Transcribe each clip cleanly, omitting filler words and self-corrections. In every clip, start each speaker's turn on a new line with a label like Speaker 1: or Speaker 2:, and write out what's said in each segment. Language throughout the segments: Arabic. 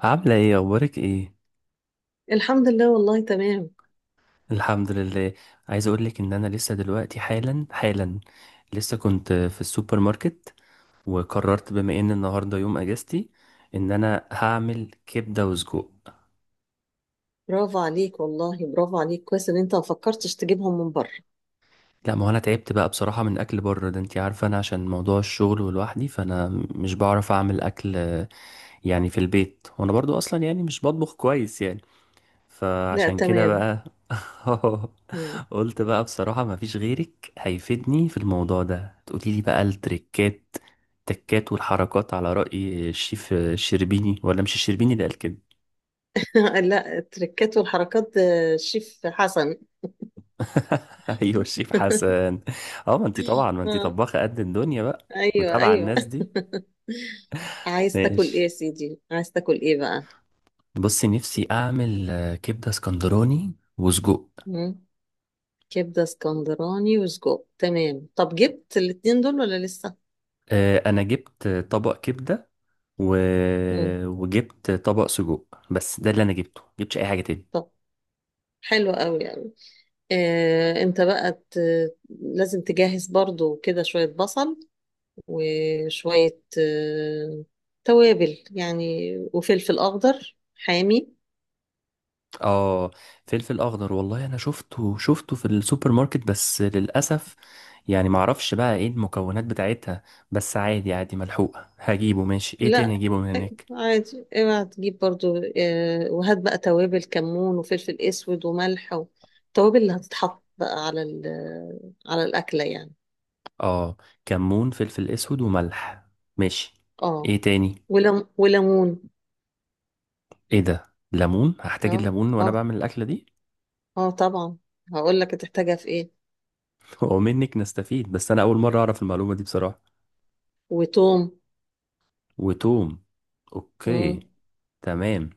Speaker 1: عاملة ايه؟ اخبارك ايه؟
Speaker 2: الحمد لله والله تمام.
Speaker 1: الحمد لله. عايز اقولك ان انا لسه دلوقتي حالا حالا، لسه كنت في السوبر ماركت. وقررت بما ان النهاردة يوم اجازتي ان انا هعمل كبدة وسجق.
Speaker 2: برافو عليك والله برافو عليك، كويس ان انت ما فكرتش تجيبهم من بره.
Speaker 1: لا، ما هو انا تعبت بقى بصراحة من اكل بره ده. انتي عارفة، انا عشان موضوع الشغل ولوحدي، فانا مش بعرف اعمل اكل يعني في البيت. وانا برضو اصلا يعني مش بطبخ كويس يعني،
Speaker 2: لا
Speaker 1: فعشان كده
Speaker 2: تمام.
Speaker 1: بقى.
Speaker 2: مم.
Speaker 1: قلت بقى بصراحة مفيش غيرك هيفيدني في الموضوع ده. تقولي لي بقى التكات والحركات، على رأي الشيف الشربيني، ولا مش الشربيني اللي قال كده؟
Speaker 2: لا التركات والحركات ده شيف حسن.
Speaker 1: ايوه، الشيف حسن. اه، ما انتي
Speaker 2: آه.
Speaker 1: طباخة قد الدنيا بقى،
Speaker 2: ايوه
Speaker 1: متابعة
Speaker 2: ايوه.
Speaker 1: الناس دي.
Speaker 2: عايز تاكل
Speaker 1: ماشي.
Speaker 2: ايه يا سيدي، عايز تاكل ايه بقى؟
Speaker 1: بصي، نفسي اعمل كبدة اسكندراني وسجق.
Speaker 2: مم. كبده اسكندراني وسجق، تمام. طب جبت الاتنين دول ولا لسه؟
Speaker 1: انا جبت طبق كبدة و...
Speaker 2: مم.
Speaker 1: وجبت طبق سجق. بس ده اللي انا جبته، جبتش اي حاجه تاني.
Speaker 2: طب حلو قوي قوي. انت بقى لازم تجهز برضو كده شوية بصل، وشوية توابل يعني، وفلفل أخضر حامي.
Speaker 1: اه، فلفل اخضر، والله انا شفته شفته في السوبر ماركت، بس للاسف يعني معرفش بقى ايه المكونات بتاعتها. بس عادي عادي، ملحوقه، هجيبه. ماشي، ايه تاني
Speaker 2: لا
Speaker 1: هجيبه من هناك؟
Speaker 2: عادي اوعى تجيب، برضو وهات بقى توابل كمون وفلفل أسود وملح، والتوابل اللي هتتحط بقى على الأكلة يعني.
Speaker 1: اه، كمون، فلفل اسود وملح. ماشي،
Speaker 2: اه
Speaker 1: ايه تاني؟
Speaker 2: ولم وليمون.
Speaker 1: ايه ده؟ ليمون؟ هحتاج
Speaker 2: اه
Speaker 1: الليمون وانا
Speaker 2: اه
Speaker 1: بعمل الاكله دي؟
Speaker 2: اه طبعا. هقول لك هتحتاجها في ايه.
Speaker 1: ومنك نستفيد، بس انا اول مره اعرف المعلومه دي بصراحه.
Speaker 2: وتوم.
Speaker 1: وتوم. اوكي،
Speaker 2: مم.
Speaker 1: تمام.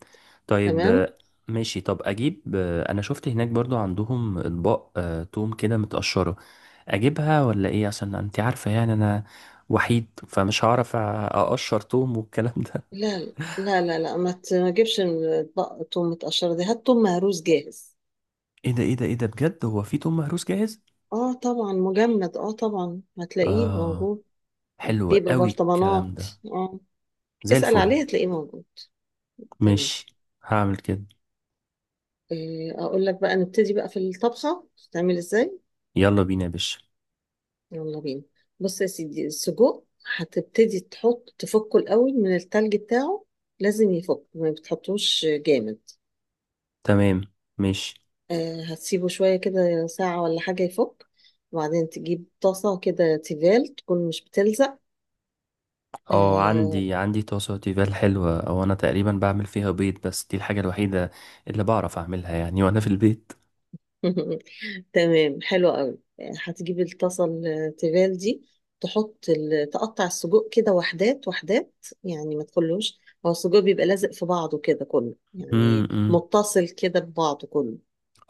Speaker 1: طيب.
Speaker 2: تمام.
Speaker 1: ماشي، طب اجيب انا شفت هناك برضو عندهم اطباق توم كده متقشرة، اجيبها ولا ايه؟ عشان انت عارفة يعني انا وحيد، فمش هعرف اقشر توم والكلام ده.
Speaker 2: لا لا لا لا، ما تجيبش توم متقشرة دي، هات توم مهروس جاهز.
Speaker 1: ايه ده، ايه ده، ايه ده بجد؟ هو في توم مهروس جاهز؟
Speaker 2: اه طبعا مجمد، اه طبعا هتلاقيه
Speaker 1: اه،
Speaker 2: موجود.
Speaker 1: حلو
Speaker 2: بيبقى
Speaker 1: قوي الكلام
Speaker 2: برطمانات
Speaker 1: ده،
Speaker 2: اه.
Speaker 1: زي
Speaker 2: اسأل
Speaker 1: الفل.
Speaker 2: عليه هتلاقيه موجود. تمام.
Speaker 1: ماشي، هعمل كده.
Speaker 2: اقول لك بقى نبتدي بقى في الطبخة تعمل ازاي.
Speaker 1: يلا بينا يا باشا.
Speaker 2: يلا بينا. بص يا سيدي السجق هتبتدي تحط تفكه الاول من التلج بتاعه. لازم يفك، ما بتحطوش جامد.
Speaker 1: تمام، ماشي.
Speaker 2: هتسيبه شوية كده، ساعة ولا حاجة يفك، وبعدين تجيب طاسة كده تيفال، تكون مش بتلزق.
Speaker 1: اه،
Speaker 2: آه،
Speaker 1: عندي طاسة تيفال حلوة، او انا تقريبا بعمل فيها بيض، بس دي الحاجة الوحيدة اللي بعرف اعملها يعني وانا في البيت.
Speaker 2: تمام حلو قوي. هتجيب الطاسه التيفال دي، تقطع السجق كده وحدات وحدات، يعني ما تخلوش، هو السجق بيبقى لازق في بعضه كده كله، يعني
Speaker 1: امم
Speaker 2: متصل كده ببعضه كله.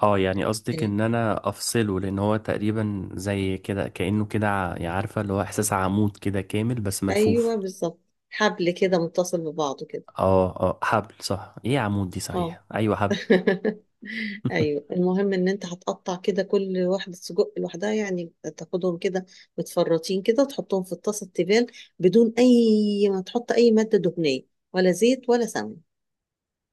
Speaker 1: اه، يعني قصدك
Speaker 2: آه،
Speaker 1: ان انا افصله، لان هو تقريبا زي كده كأنه كده يعني عارفة، اللي هو احساس عمود كده كامل بس ملفوف.
Speaker 2: ايوه بالظبط، حبل كده متصل ببعضه كده
Speaker 1: اه اه، حبل صح، ايه عمود دي،
Speaker 2: اه.
Speaker 1: صحيح، ايوه حبل.
Speaker 2: ايوه، المهم ان انت هتقطع كده كل واحده سجق لوحدها، يعني تاخدهم كده متفرطين كده، تحطهم في الطاسه التيفال، بدون اي، ما تحط اي ماده دهنيه، ولا زيت ولا سمن.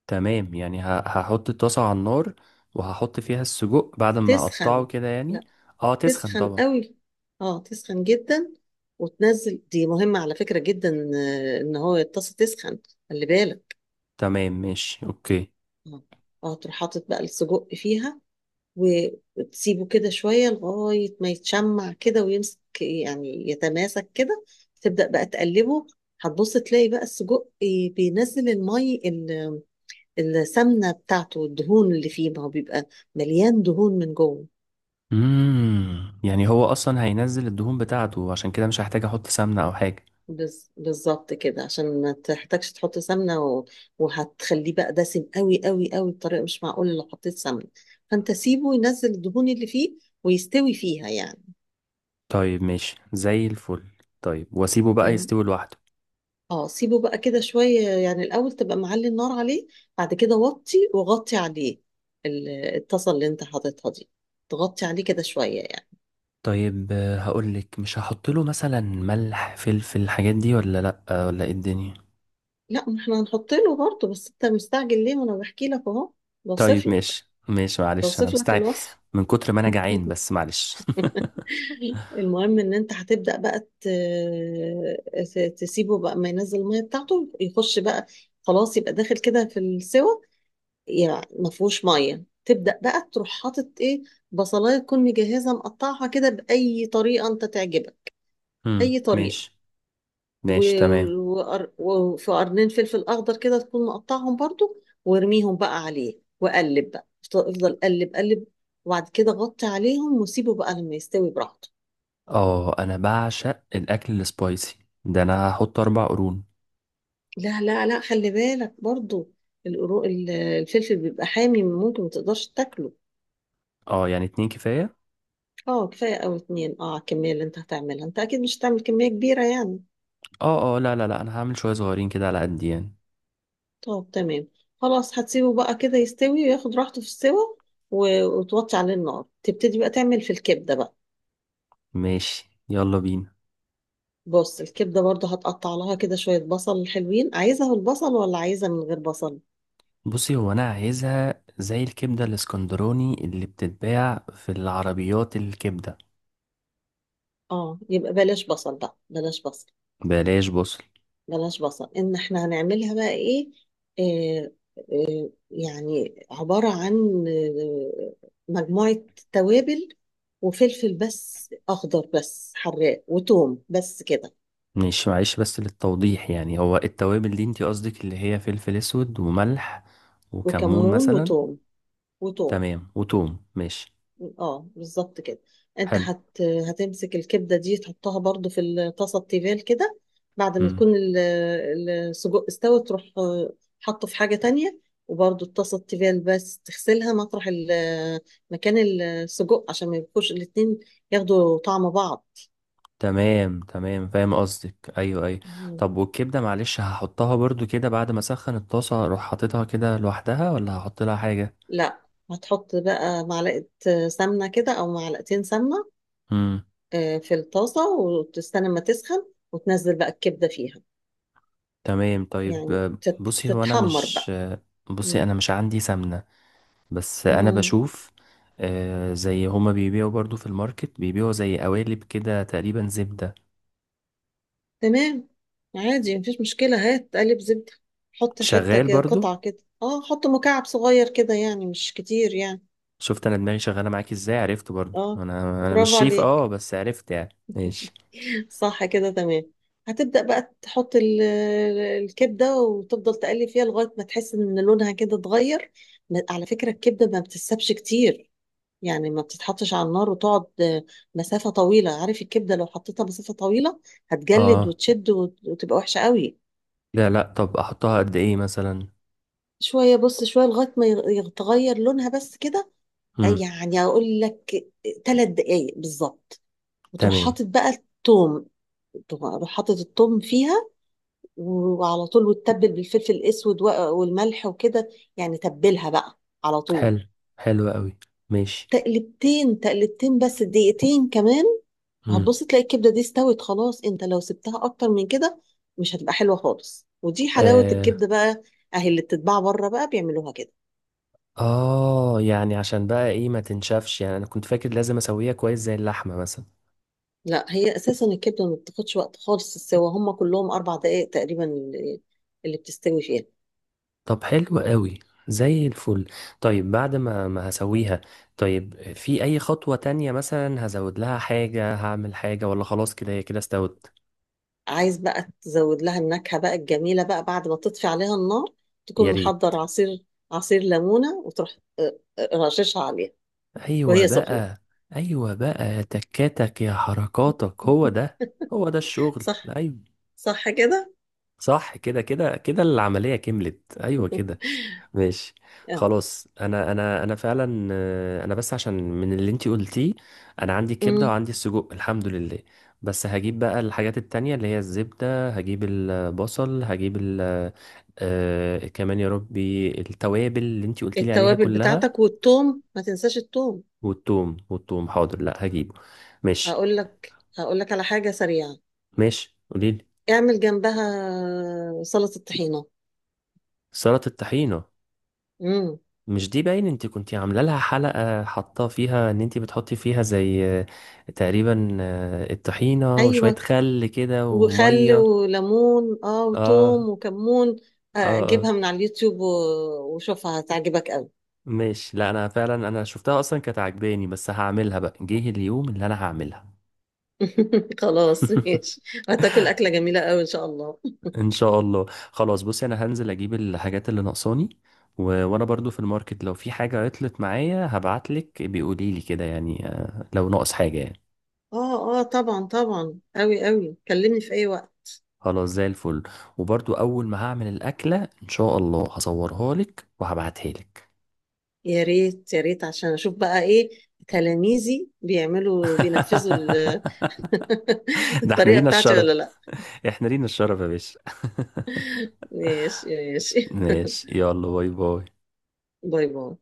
Speaker 1: تمام، يعني هحط الطاسة على النار وهحط فيها السجق بعد ما اقطعه
Speaker 2: تسخن.
Speaker 1: كده يعني.
Speaker 2: لا،
Speaker 1: اه، تسخن
Speaker 2: تسخن
Speaker 1: طبعا.
Speaker 2: قوي، اه تسخن جدا، وتنزل، دي مهمه على فكره جدا، ان هو الطاسه تسخن، خلي بالك.
Speaker 1: تمام، ماشي، اوكي.
Speaker 2: اه. تروح حاطط بقى السجق فيها، وتسيبه كده شوية لغاية ما يتشمع كده ويمسك، يعني يتماسك كده، تبدأ بقى تقلبه. هتبص تلاقي بقى السجق بينزل السمنة بتاعته، الدهون اللي فيه، ما هو بيبقى مليان دهون من جوه.
Speaker 1: يعني هو اصلا هينزل الدهون بتاعته، عشان كده مش هحتاج احط سمنة او حاجة.
Speaker 2: بالظبط كده، عشان ما تحتاجش تحط سمنة وهتخليه بقى دسم قوي قوي قوي، بطريقة مش معقولة لو حطيت سمنة، فانت سيبه ينزل الدهون اللي فيه ويستوي فيها يعني.
Speaker 1: طيب، ماشي، زي الفل. طيب، واسيبه بقى
Speaker 2: تمام.
Speaker 1: يستوي لوحده؟
Speaker 2: اه سيبه بقى كده شوية يعني، الأول تبقى معلي النار عليه، بعد كده وطي وغطي عليه ال- الطاسة اللي انت حاططها دي، تغطي عليه كده شوية يعني.
Speaker 1: طيب هقولك، مش هحط له مثلا ملح، فلفل، الحاجات دي ولا لا؟ ولا ايه الدنيا؟
Speaker 2: لا ما احنا هنحط له برضه، بس انت مستعجل ليه؟ ما انا بحكي لك اهو، بوصف
Speaker 1: طيب،
Speaker 2: لك
Speaker 1: ماشي ماشي، معلش انا
Speaker 2: بوصف لك
Speaker 1: مستعجل
Speaker 2: الوصف.
Speaker 1: من كتر ما انا جعان، بس معلش.
Speaker 2: المهم ان انت هتبدأ بقى تسيبه بقى، ما ينزل المية بتاعته يخش بقى خلاص، يبقى داخل كده في السوى، يعني ما فيهوش ميه، تبدا بقى تروح حاطط ايه؟ بصلايه تكون مجهزه مقطعها كده باي طريقه انت تعجبك،
Speaker 1: امم.
Speaker 2: اي طريقه،
Speaker 1: ماشي ماشي، تمام.
Speaker 2: وفي قرنين فلفل اخضر كده تكون مقطعهم برضو، وارميهم بقى عليه، وقلب بقى افضل افضل، قلب قلب، وبعد كده غطي عليهم وسيبه بقى لما يستوي براحته.
Speaker 1: اه، انا بعشق الاكل السبايسي ده، انا هحط 4 قرون.
Speaker 2: لا لا لا، خلي بالك برضو، الفلفل بيبقى حامي، ممكن ما تقدرش تاكله.
Speaker 1: اه، يعني اتنين كفاية.
Speaker 2: اه كفايه، او اتنين، اه على الكميه اللي انت هتعملها، انت اكيد مش هتعمل كميه كبيره يعني.
Speaker 1: اه اه، لا لا لا، انا هعمل شوية صغيرين كده على قد يعني.
Speaker 2: طب تمام. خلاص هتسيبه بقى كده يستوي وياخد راحته في السوا، وتوطي عليه النار، تبتدي بقى تعمل في الكبدة بقى.
Speaker 1: ماشي، يلا بينا.
Speaker 2: بص الكبدة برضه هتقطع لها كده شوية بصل حلوين، عايزها بالبصل ولا عايزها من غير بصل؟
Speaker 1: بصي، هو انا عايزها زي الكبدة الاسكندراني اللي بتتباع في العربيات الكبدة.
Speaker 2: اه يبقى بلاش بصل بقى، بلاش بصل،
Speaker 1: بلاش بصل.
Speaker 2: بلاش بصل. ان احنا هنعملها بقى ايه، آه يعني عبارة عن مجموعة توابل، وفلفل بس اخضر بس حراق، وتوم، بس كده.
Speaker 1: ماشي، معلش، بس للتوضيح يعني، هو التوابل دي انتي قصدك اللي هي فلفل اسود وملح وكمون
Speaker 2: وكمون
Speaker 1: مثلا؟
Speaker 2: وتوم وتوم.
Speaker 1: تمام، وتوم. ماشي،
Speaker 2: اه بالظبط كده. انت
Speaker 1: حلو.
Speaker 2: هتمسك الكبده دي تحطها برضو في الطاسه التيفال كده، بعد ما
Speaker 1: مم.
Speaker 2: تكون السجق استوى، تروح حطه في حاجه تانية، وبرضو الطاسه التيفال بس تغسلها مطرح مكان السجق عشان ما يبقوش الاتنين ياخدوا طعم بعض.
Speaker 1: تمام تمام، فاهم قصدك، ايوه ايوه.
Speaker 2: مم.
Speaker 1: طب والكبدة معلش، هحطها برضو كده بعد ما اسخن الطاسة اروح حاططها كده لوحدها، ولا هحط لها حاجة؟
Speaker 2: لا هتحط بقى معلقه سمنه كده او معلقتين سمنه،
Speaker 1: مم.
Speaker 2: في الطاسه وتستنى ما تسخن، وتنزل بقى الكبده فيها،
Speaker 1: تمام. طيب
Speaker 2: يعني
Speaker 1: بصي، هو انا
Speaker 2: تتحمر
Speaker 1: مش
Speaker 2: بقى.
Speaker 1: بصي
Speaker 2: مم.
Speaker 1: انا مش عندي سمنة، بس انا
Speaker 2: اه
Speaker 1: بشوف زي هما بيبيعوا برضو في الماركت، بيبيعوا زي قوالب كده تقريبا زبدة.
Speaker 2: تمام. عادي مفيش مشكلة، هات قالب زبدة، حط حتة
Speaker 1: شغال
Speaker 2: كده،
Speaker 1: برضو؟
Speaker 2: قطعة كده. اه حط مكعب صغير كده، يعني مش كتير يعني.
Speaker 1: شفت انا دماغي شغالة معاك ازاي، عرفت برضو.
Speaker 2: اه
Speaker 1: انا مش
Speaker 2: برافو
Speaker 1: شيف
Speaker 2: عليك.
Speaker 1: اه، بس عرفت يعني. ماشي.
Speaker 2: صح كده تمام. هتبدأ بقى تحط الكبدة، وتفضل تقلب فيها لغاية ما تحس ان لونها كده اتغير. على فكرة الكبدة ما بتتسابش كتير، يعني ما بتتحطش على النار وتقعد مسافة طويلة، عارف، الكبدة لو حطيتها مسافة طويلة هتجلد
Speaker 1: اه،
Speaker 2: وتشد وتبقى وحشة قوي.
Speaker 1: لا لا، طب احطها قد ايه مثلا؟
Speaker 2: شوية، بص شوية لغاية ما يتغير لونها بس كده،
Speaker 1: امم.
Speaker 2: يعني أقول لك 3 دقايق بالظبط، وتروح
Speaker 1: تمام.
Speaker 2: حاطط بقى التوم، تروح حاطط التوم فيها، وعلى طول وتتبل بالفلفل الأسود والملح وكده، يعني تبلها بقى على
Speaker 1: حلو
Speaker 2: طول.
Speaker 1: حلو قوي. ماشي.
Speaker 2: تقلبتين تقلبتين بس، دقيقتين كمان، هتبص تلاقي الكبدة دي استوت خلاص. انت لو سبتها أكتر من كده مش هتبقى حلوة خالص، ودي حلاوة
Speaker 1: امم
Speaker 2: الكبدة بقى، أهي اللي بتتباع بره بقى بيعملوها كده.
Speaker 1: اه، يعني عشان بقى ايه ما تنشفش يعني؟ انا كنت فاكر لازم اسويها كويس زي اللحمة مثلا.
Speaker 2: لا هي اساسا الكبده ما بتاخدش وقت خالص، السوا هم كلهم 4 دقائق تقريبا اللي بتستوي فيها.
Speaker 1: طب حلو قوي، زي الفل. طيب، بعد ما هسويها، طيب، في اي خطوة تانية مثلا هزود لها حاجة، هعمل حاجة، ولا خلاص كده هي كده استوت؟
Speaker 2: عايز بقى تزود لها النكهه بقى الجميله بقى، بعد ما تطفي عليها النار
Speaker 1: يا
Speaker 2: تكون
Speaker 1: ريت.
Speaker 2: محضر عصير ليمونه، وتروح رششها عليها
Speaker 1: ايوه
Speaker 2: وهي سخنه.
Speaker 1: بقى، ايوه بقى تكاتك يا حركاتك، هو ده، هو ده الشغل.
Speaker 2: صح.
Speaker 1: ايوه،
Speaker 2: صح كده.
Speaker 1: صح كده كده كده، العملية كملت، ايوه كده. ماشي،
Speaker 2: آه.
Speaker 1: خلاص. انا فعلا انا بس عشان من اللي انتي قلتيه، انا عندي الكبده
Speaker 2: أمم.
Speaker 1: وعندي السجق، الحمد لله. بس هجيب بقى الحاجات التانية اللي هي الزبده، هجيب البصل، هجيب ال آه كمان يا ربي التوابل اللي انتي قلتي لي عليها
Speaker 2: التوابل
Speaker 1: كلها.
Speaker 2: بتاعتك، والثوم، ما تنساش الثوم.
Speaker 1: والثوم حاضر، لا هجيبه. ماشي.
Speaker 2: هقول لك على حاجه سريعه،
Speaker 1: ماشي قوليلي.
Speaker 2: اعمل جنبها سلطه طحينه.
Speaker 1: سلطه الطحينه؟
Speaker 2: امم،
Speaker 1: مش دي باين انت كنتي عامله لها حلقه، حاطه فيها ان انت بتحطي فيها زي تقريبا الطحينه وشويه
Speaker 2: ايوه،
Speaker 1: خل كده
Speaker 2: وخل
Speaker 1: وميه؟
Speaker 2: وليمون، اه،
Speaker 1: اه
Speaker 2: وتوم وكمون،
Speaker 1: اه
Speaker 2: جيبها
Speaker 1: اه.
Speaker 2: من على اليوتيوب وشوفها هتعجبك قوي.
Speaker 1: ماشي، لا انا فعلا انا شفتها اصلا كانت عجباني، بس هعملها بقى، جه اليوم اللي انا هعملها.
Speaker 2: خلاص ماشي. هتاكل أكلة جميلة قوي إن شاء الله.
Speaker 1: ان شاء الله. خلاص، بصي، انا هنزل اجيب الحاجات اللي ناقصاني، وانا برضو في الماركت لو في حاجه عطلت معايا هبعتلك، بيقولي لي كده يعني لو ناقص حاجه يعني.
Speaker 2: اه اه طبعا، طبعا قوي قوي، كلمني في أي وقت.
Speaker 1: خلاص، زي الفل. وبرضو اول ما هعمل الاكله ان شاء الله هصورها لك وهبعتها لك.
Speaker 2: يا ريت يا ريت، عشان أشوف بقى إيه تلاميذي بيعملوا بينفذوا
Speaker 1: ده احنا
Speaker 2: الطريقة
Speaker 1: لينا
Speaker 2: بتاعتي
Speaker 1: الشرف،
Speaker 2: ولا لا.
Speaker 1: احنا لينا الشرف يا باشا.
Speaker 2: ماشي ماشي.
Speaker 1: ماشي، يلا باي باي.
Speaker 2: باي باي.